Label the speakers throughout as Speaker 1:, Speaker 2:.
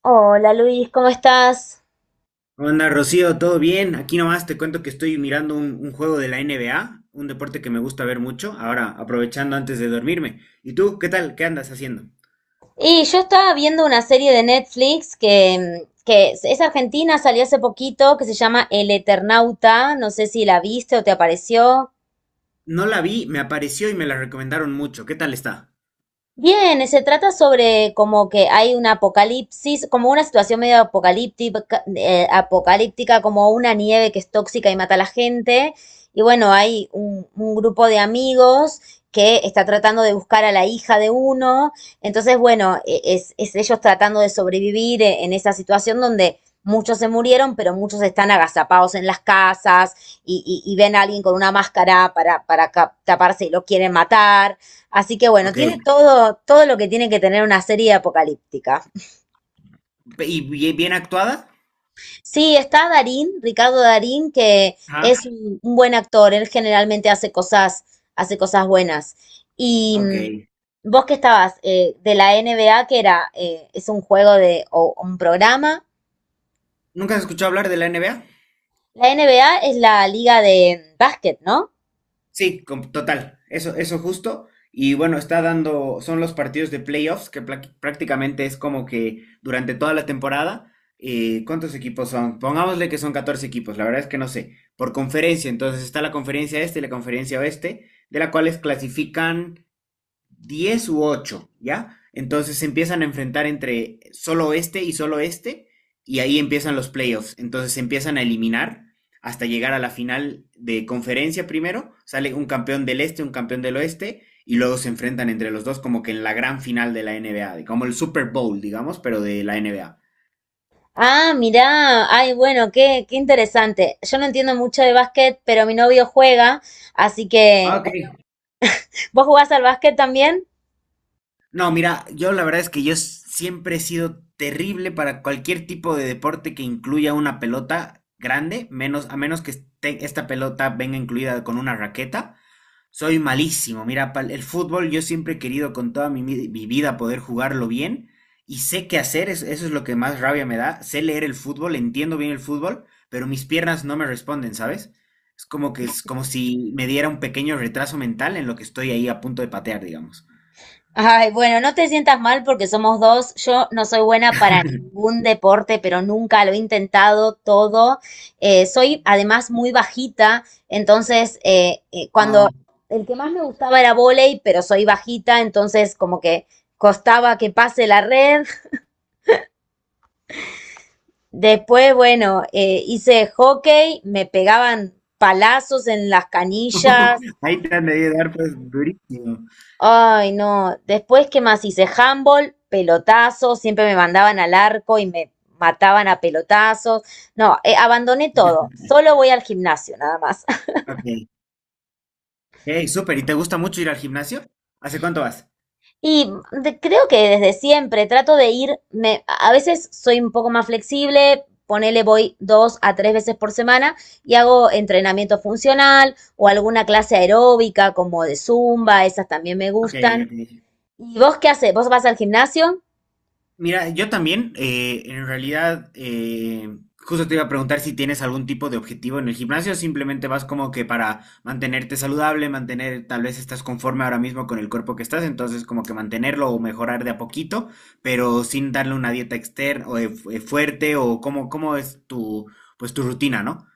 Speaker 1: Hola Luis, ¿cómo estás?
Speaker 2: Onda, Rocío, ¿todo bien? Aquí nomás te cuento que estoy mirando un juego de la NBA, un deporte que me gusta ver mucho, ahora aprovechando antes de dormirme. ¿Y tú, qué tal? ¿Qué andas haciendo?
Speaker 1: Y yo estaba viendo una serie de Netflix que es argentina, salió hace poquito, que se llama El Eternauta. No sé si la viste o te apareció.
Speaker 2: No la vi, me apareció y me la recomendaron mucho. ¿Qué tal está?
Speaker 1: Bien, se trata sobre como que hay un apocalipsis, como una situación medio apocalíptica, como una nieve que es tóxica y mata a la gente. Y bueno, hay un grupo de amigos que está tratando de buscar a la hija de uno. Entonces, bueno, e- es ellos tratando de sobrevivir en esa situación donde muchos se murieron, pero muchos están agazapados en las casas y ven a alguien con una máscara para taparse y lo quieren matar. Así que bueno,
Speaker 2: Ok.
Speaker 1: tiene todo, todo lo que tiene que tener una serie apocalíptica.
Speaker 2: ¿Y bien, bien actuada?
Speaker 1: Sí, está Darín, Ricardo Darín, que
Speaker 2: Ajá.
Speaker 1: es un buen actor, él generalmente hace hace cosas buenas. Y
Speaker 2: Ok.
Speaker 1: mm, vos que estabas. De la NBA, que es un juego de, o un programa.
Speaker 2: ¿Nunca has escuchado hablar de la NBA?
Speaker 1: La NBA es la liga de básquet, ¿no?
Speaker 2: Sí, total, eso justo. Y bueno, está dando, son los partidos de playoffs, que prácticamente es como que durante toda la temporada, ¿cuántos equipos son? Pongámosle que son 14 equipos, la verdad es que no sé, por conferencia, entonces está la conferencia este y la conferencia oeste, de la cuales clasifican 10 u 8, ¿ya? Entonces se empiezan a enfrentar entre solo este, y ahí empiezan los playoffs. Entonces se empiezan a eliminar hasta llegar a la final de conferencia primero. Sale un campeón del este, un campeón del oeste, y luego se enfrentan entre los dos como que en la gran final de la NBA, como el Super Bowl, digamos, pero de la NBA.
Speaker 1: Ah, mirá, ay, bueno, qué, qué interesante. Yo no entiendo mucho de básquet, pero mi novio juega, así
Speaker 2: Ah,
Speaker 1: que,
Speaker 2: ok.
Speaker 1: bueno, ¿vos jugás al básquet también?
Speaker 2: No, mira, yo la verdad es que yo siempre he sido terrible para cualquier tipo de deporte que incluya una pelota grande, menos, a menos que esta pelota venga incluida con una raqueta. Soy malísimo. Mira, el fútbol yo siempre he querido con toda mi vida poder jugarlo bien y sé qué hacer, eso es lo que más rabia me da. Sé leer el fútbol, entiendo bien el fútbol, pero mis piernas no me responden, ¿sabes? Es como que es como si me diera un pequeño retraso mental en lo que estoy ahí a punto de patear, digamos.
Speaker 1: Ay, bueno, no te sientas mal porque somos dos. Yo no soy buena para ningún deporte, pero nunca lo he intentado todo. Soy además muy bajita, entonces cuando el que más me gustaba era vóley, pero soy bajita, entonces como que costaba que pase la red. Después, bueno, hice hockey, me pegaban palazos en las canillas.
Speaker 2: Ahí te han de dar pues durísimo.
Speaker 1: Ay, no. Después, ¿qué más hice? Handball, pelotazos, siempre me mandaban al arco y me mataban a pelotazos. No, abandoné todo. Solo voy al gimnasio, nada más.
Speaker 2: Ok, hey, súper. ¿Y te gusta mucho ir al gimnasio? ¿Hace cuánto vas?
Speaker 1: Creo que desde siempre trato de ir, me, a veces soy un poco más flexible, ponele voy dos a tres veces por semana y hago entrenamiento funcional o alguna clase aeróbica como de zumba, esas también me
Speaker 2: Ok,
Speaker 1: gustan.
Speaker 2: ok.
Speaker 1: ¿Y vos qué haces? ¿Vos vas al gimnasio?
Speaker 2: Mira, yo también, en realidad, justo te iba a preguntar si tienes algún tipo de objetivo en el gimnasio o simplemente vas como que para mantenerte saludable, mantener, tal vez estás conforme ahora mismo con el cuerpo que estás, entonces como que mantenerlo o mejorar de a poquito, pero sin darle una dieta externa o fuerte o cómo es pues tu rutina, ¿no?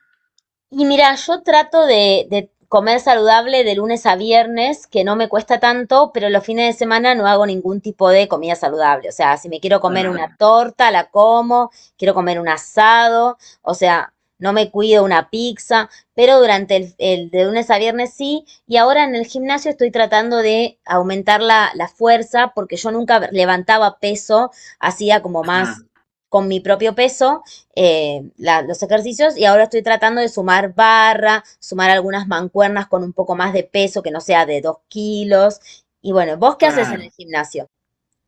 Speaker 1: Y mira, yo trato de comer saludable de lunes a viernes, que no me cuesta tanto, pero los fines de semana no hago ningún tipo de comida saludable. O sea, si me quiero comer una torta, la como, quiero comer un asado, o sea, no me cuido una pizza, pero durante el de lunes a viernes sí. Y ahora en el gimnasio estoy tratando de aumentar la fuerza, porque yo nunca levantaba peso, hacía como más
Speaker 2: Claro.
Speaker 1: con mi propio peso los ejercicios y ahora estoy tratando de sumar barra, sumar algunas mancuernas con un poco más de peso que no sea de dos kilos. Y bueno, ¿vos qué haces en el
Speaker 2: Claro.
Speaker 1: gimnasio?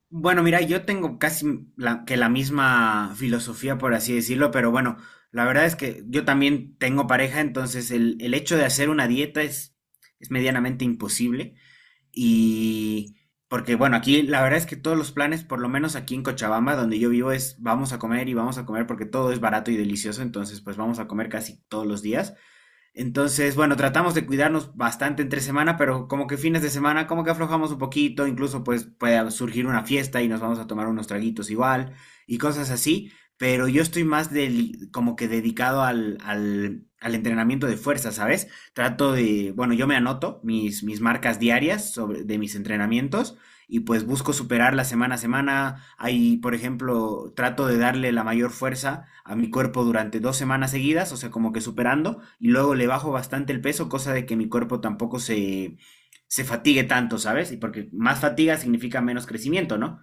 Speaker 2: Bueno, mira, yo tengo casi que la misma filosofía, por así decirlo, pero bueno, la verdad es que yo también tengo pareja, entonces el hecho de hacer una dieta es medianamente imposible. Y porque, bueno, aquí la verdad es que todos los planes, por lo menos aquí en Cochabamba, donde yo vivo, es vamos a comer y vamos a comer porque todo es barato y delicioso, entonces pues vamos a comer casi todos los días. Entonces, bueno, tratamos de cuidarnos bastante entre semana, pero como que fines de semana, como que aflojamos un poquito, incluso pues puede surgir una fiesta y nos vamos a tomar unos traguitos igual y cosas así, pero yo estoy más como que dedicado al entrenamiento de fuerza, ¿sabes? Trato de, bueno, yo me anoto mis marcas diarias de mis entrenamientos y pues busco superarla semana a semana. Ahí, por ejemplo, trato de darle la mayor fuerza a mi cuerpo durante 2 semanas seguidas, o sea, como que superando, y luego le bajo bastante el peso, cosa de que mi cuerpo tampoco se fatigue tanto, ¿sabes? Y porque más fatiga significa menos crecimiento, ¿no?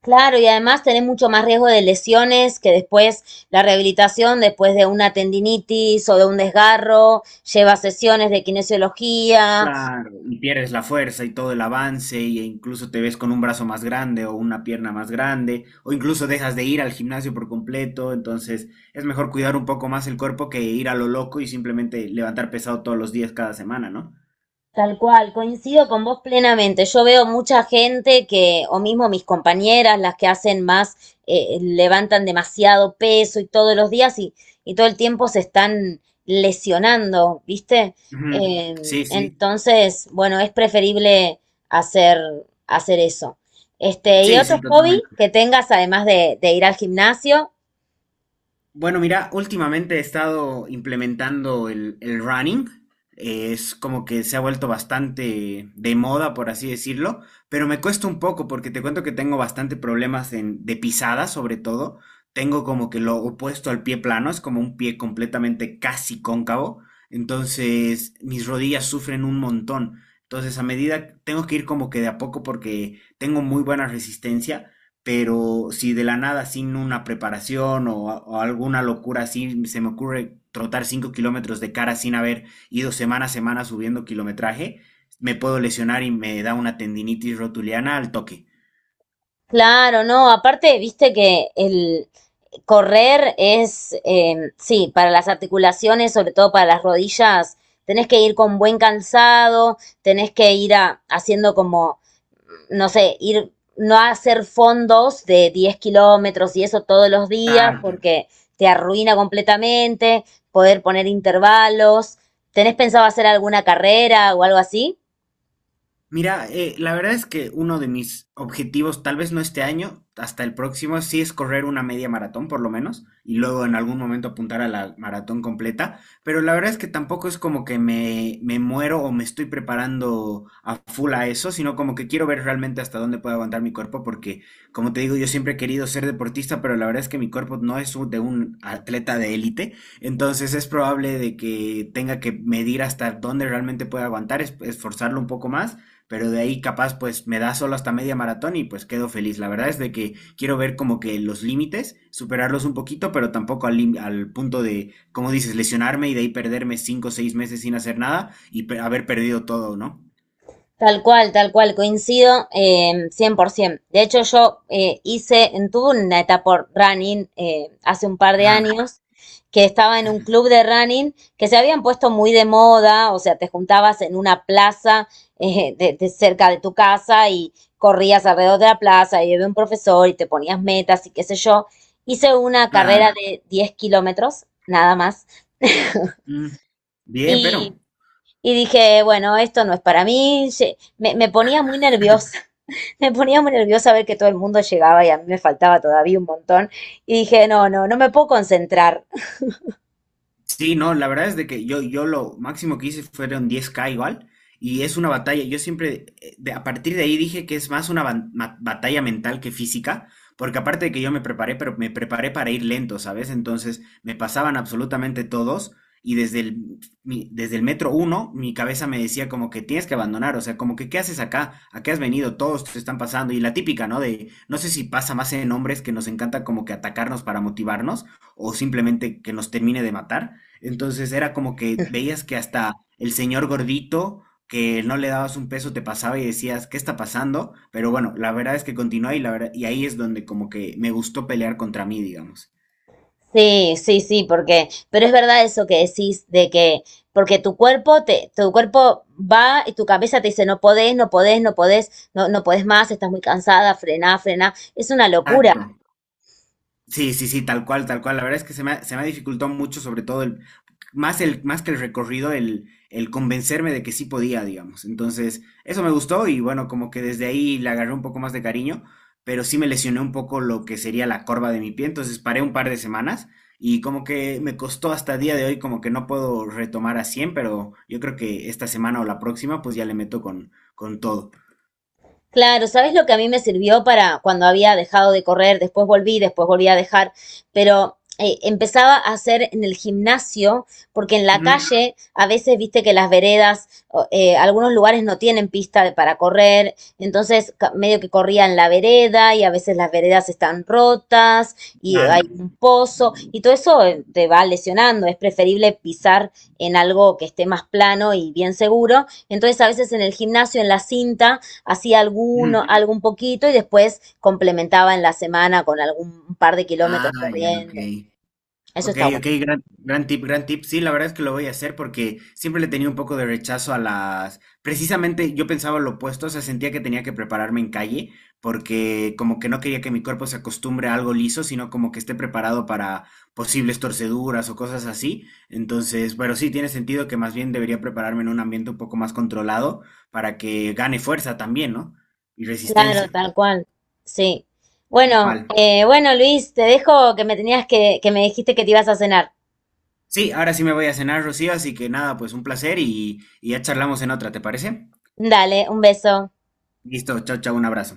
Speaker 1: Claro, y además tenés mucho más riesgo de lesiones que después la rehabilitación, después de una tendinitis o de un desgarro, lleva sesiones de kinesiología.
Speaker 2: Claro, y pierdes la fuerza y todo el avance, e incluso te ves con un brazo más grande o una pierna más grande, o incluso dejas de ir al gimnasio por completo, entonces es mejor cuidar un poco más el cuerpo que ir a lo loco y simplemente levantar pesado todos los días cada semana, ¿no?
Speaker 1: Tal cual, coincido con vos plenamente. Yo veo mucha gente que, o mismo mis compañeras, las que hacen más, levantan demasiado peso y todos los días y todo el tiempo se están lesionando, ¿viste?
Speaker 2: Ujú. Sí, sí,
Speaker 1: Entonces, bueno, es preferible hacer, hacer eso. Este, ¿y
Speaker 2: sí,
Speaker 1: otro
Speaker 2: sí,
Speaker 1: hobby
Speaker 2: totalmente.
Speaker 1: que tengas además de ir al gimnasio?
Speaker 2: Bueno, mira, últimamente he estado implementando el running. Es como que se ha vuelto bastante de moda, por así decirlo, pero me cuesta un poco porque te cuento que tengo bastante problemas de pisada, sobre todo. Tengo como que lo opuesto al pie plano, es como un pie completamente casi cóncavo. Entonces, mis rodillas sufren un montón. Entonces, a medida tengo que ir como que de a poco porque tengo muy buena resistencia pero si de la nada, sin una preparación o alguna locura así, se me ocurre trotar 5 kilómetros de cara sin haber ido semana a semana subiendo kilometraje, me puedo lesionar y me da una tendinitis rotuliana al toque.
Speaker 1: Claro, no, aparte, viste que el correr es, sí, para las articulaciones, sobre todo para las rodillas, tenés que ir con buen calzado, tenés que ir haciendo como, no sé, ir, no hacer fondos de 10 kilómetros y eso todos los días
Speaker 2: Está
Speaker 1: porque te arruina completamente, poder poner intervalos. ¿Tenés pensado hacer alguna carrera o algo así?
Speaker 2: Mira, la verdad es que uno de mis objetivos, tal vez no este año, hasta el próximo, sí es correr una media maratón por lo menos, y luego en algún momento apuntar a la maratón completa, pero la verdad es que tampoco es como que me muero o me estoy preparando a full a eso, sino como que quiero ver realmente hasta dónde puedo aguantar mi cuerpo, porque como te digo, yo siempre he querido ser deportista, pero la verdad es que mi cuerpo no es de un atleta de élite, entonces es probable de que tenga que medir hasta dónde realmente pueda aguantar, esforzarlo un poco más pero de ahí capaz pues me da solo hasta media maratón y pues quedo feliz. La verdad es de que quiero ver como que los límites, superarlos un poquito, pero tampoco al punto de, como dices, lesionarme y de ahí perderme 5 o 6 meses sin hacer nada y haber perdido todo, ¿no?
Speaker 1: Tal cual, coincido 100%. De hecho, yo hice, tuve una etapa running hace un par de
Speaker 2: Ajá,
Speaker 1: años, que estaba en un club de running que se habían puesto muy de moda, o sea, te juntabas en una plaza de cerca de tu casa y corrías alrededor de la plaza y había un profesor y te ponías metas y qué sé yo. Hice una carrera
Speaker 2: claro.
Speaker 1: de 10 kilómetros, nada más,
Speaker 2: Mm. Bien, pero...
Speaker 1: y, y dije, bueno, esto no es para mí. Me, me ponía muy nerviosa me ponía muy nerviosa ver que todo el mundo llegaba y a mí me faltaba todavía un montón. Y dije, no, no, no me puedo concentrar.
Speaker 2: Sí, no, la verdad es de que yo lo máximo que hice fueron 10K igual, y es una batalla, yo siempre, a partir de ahí dije que es más una batalla mental que física, porque aparte de que yo me preparé, pero me preparé para ir lento, ¿sabes? Entonces me pasaban absolutamente todos, y desde el metro uno, mi cabeza me decía como que tienes que abandonar, o sea, como que ¿qué haces acá? ¿A qué has venido? Todos te están pasando, y la típica, ¿no? De, no sé si pasa más en hombres que nos encanta como que atacarnos para motivarnos, o simplemente que nos termine de matar, entonces era como que veías que hasta el señor gordito, que no le dabas un peso, te pasaba y decías, ¿qué está pasando? Pero bueno, la verdad es que continúa y, la verdad, y ahí es donde como que me gustó pelear contra mí, digamos.
Speaker 1: Sí, sí, sí, porque, pero es verdad eso que decís de que, porque tu cuerpo te, tu cuerpo va y tu cabeza te dice, no podés, no podés, no podés, no, no podés más, estás muy cansada, frená, frená. Es una locura.
Speaker 2: Exacto. Sí, sí, sí, tal cual, tal cual. La verdad es que se me ha dificultado mucho, sobre todo más que el recorrido, el convencerme de que sí podía, digamos. Entonces, eso me gustó y bueno, como que desde ahí le agarré un poco más de cariño, pero sí me lesioné un poco lo que sería la corva de mi pie, entonces paré un par de semanas y como que me costó hasta el día de hoy, como que no puedo retomar a 100, pero yo creo que esta semana o la próxima, pues ya le meto con todo.
Speaker 1: Claro, ¿sabes lo que a mí me sirvió para cuando había dejado de correr? Después volví a dejar, pero empezaba a hacer en el gimnasio, porque en la
Speaker 2: Ujú,
Speaker 1: calle a veces viste que las veredas, o, algunos lugares no tienen pista para correr, entonces medio que corría en la vereda y a veces las veredas están rotas y hay
Speaker 2: claro.
Speaker 1: un pozo y todo eso te va lesionando, es preferible pisar en algo que esté más plano y bien seguro, entonces a veces en el gimnasio, en la cinta, hacía
Speaker 2: Ujú.
Speaker 1: algún poquito y después complementaba en la semana con algún par de
Speaker 2: Ah,
Speaker 1: kilómetros
Speaker 2: ya, ok.
Speaker 1: corriendo. Eso
Speaker 2: Ok,
Speaker 1: está bueno.
Speaker 2: ok, gran tip, gran tip. Sí, la verdad es que lo voy a hacer porque siempre le tenía un poco de rechazo a las... Precisamente yo pensaba lo opuesto, o sea, sentía que tenía que prepararme en calle porque como que no quería que mi cuerpo se acostumbre a algo liso, sino como que esté preparado para posibles torceduras o cosas así. Entonces, pero sí, tiene sentido que más bien debería prepararme en un ambiente un poco más controlado para que gane fuerza también, ¿no? Y
Speaker 1: Claro,
Speaker 2: resistencia.
Speaker 1: tal cual. Sí.
Speaker 2: Tal
Speaker 1: Bueno,
Speaker 2: cual.
Speaker 1: bueno, Luis, te dejo que me tenías que me dijiste que te ibas a cenar.
Speaker 2: Sí, ahora sí me voy a cenar, Rocío, así que nada, pues un placer y ya charlamos en otra, ¿te parece?
Speaker 1: Dale, un beso.
Speaker 2: Listo, chao, chao, un abrazo.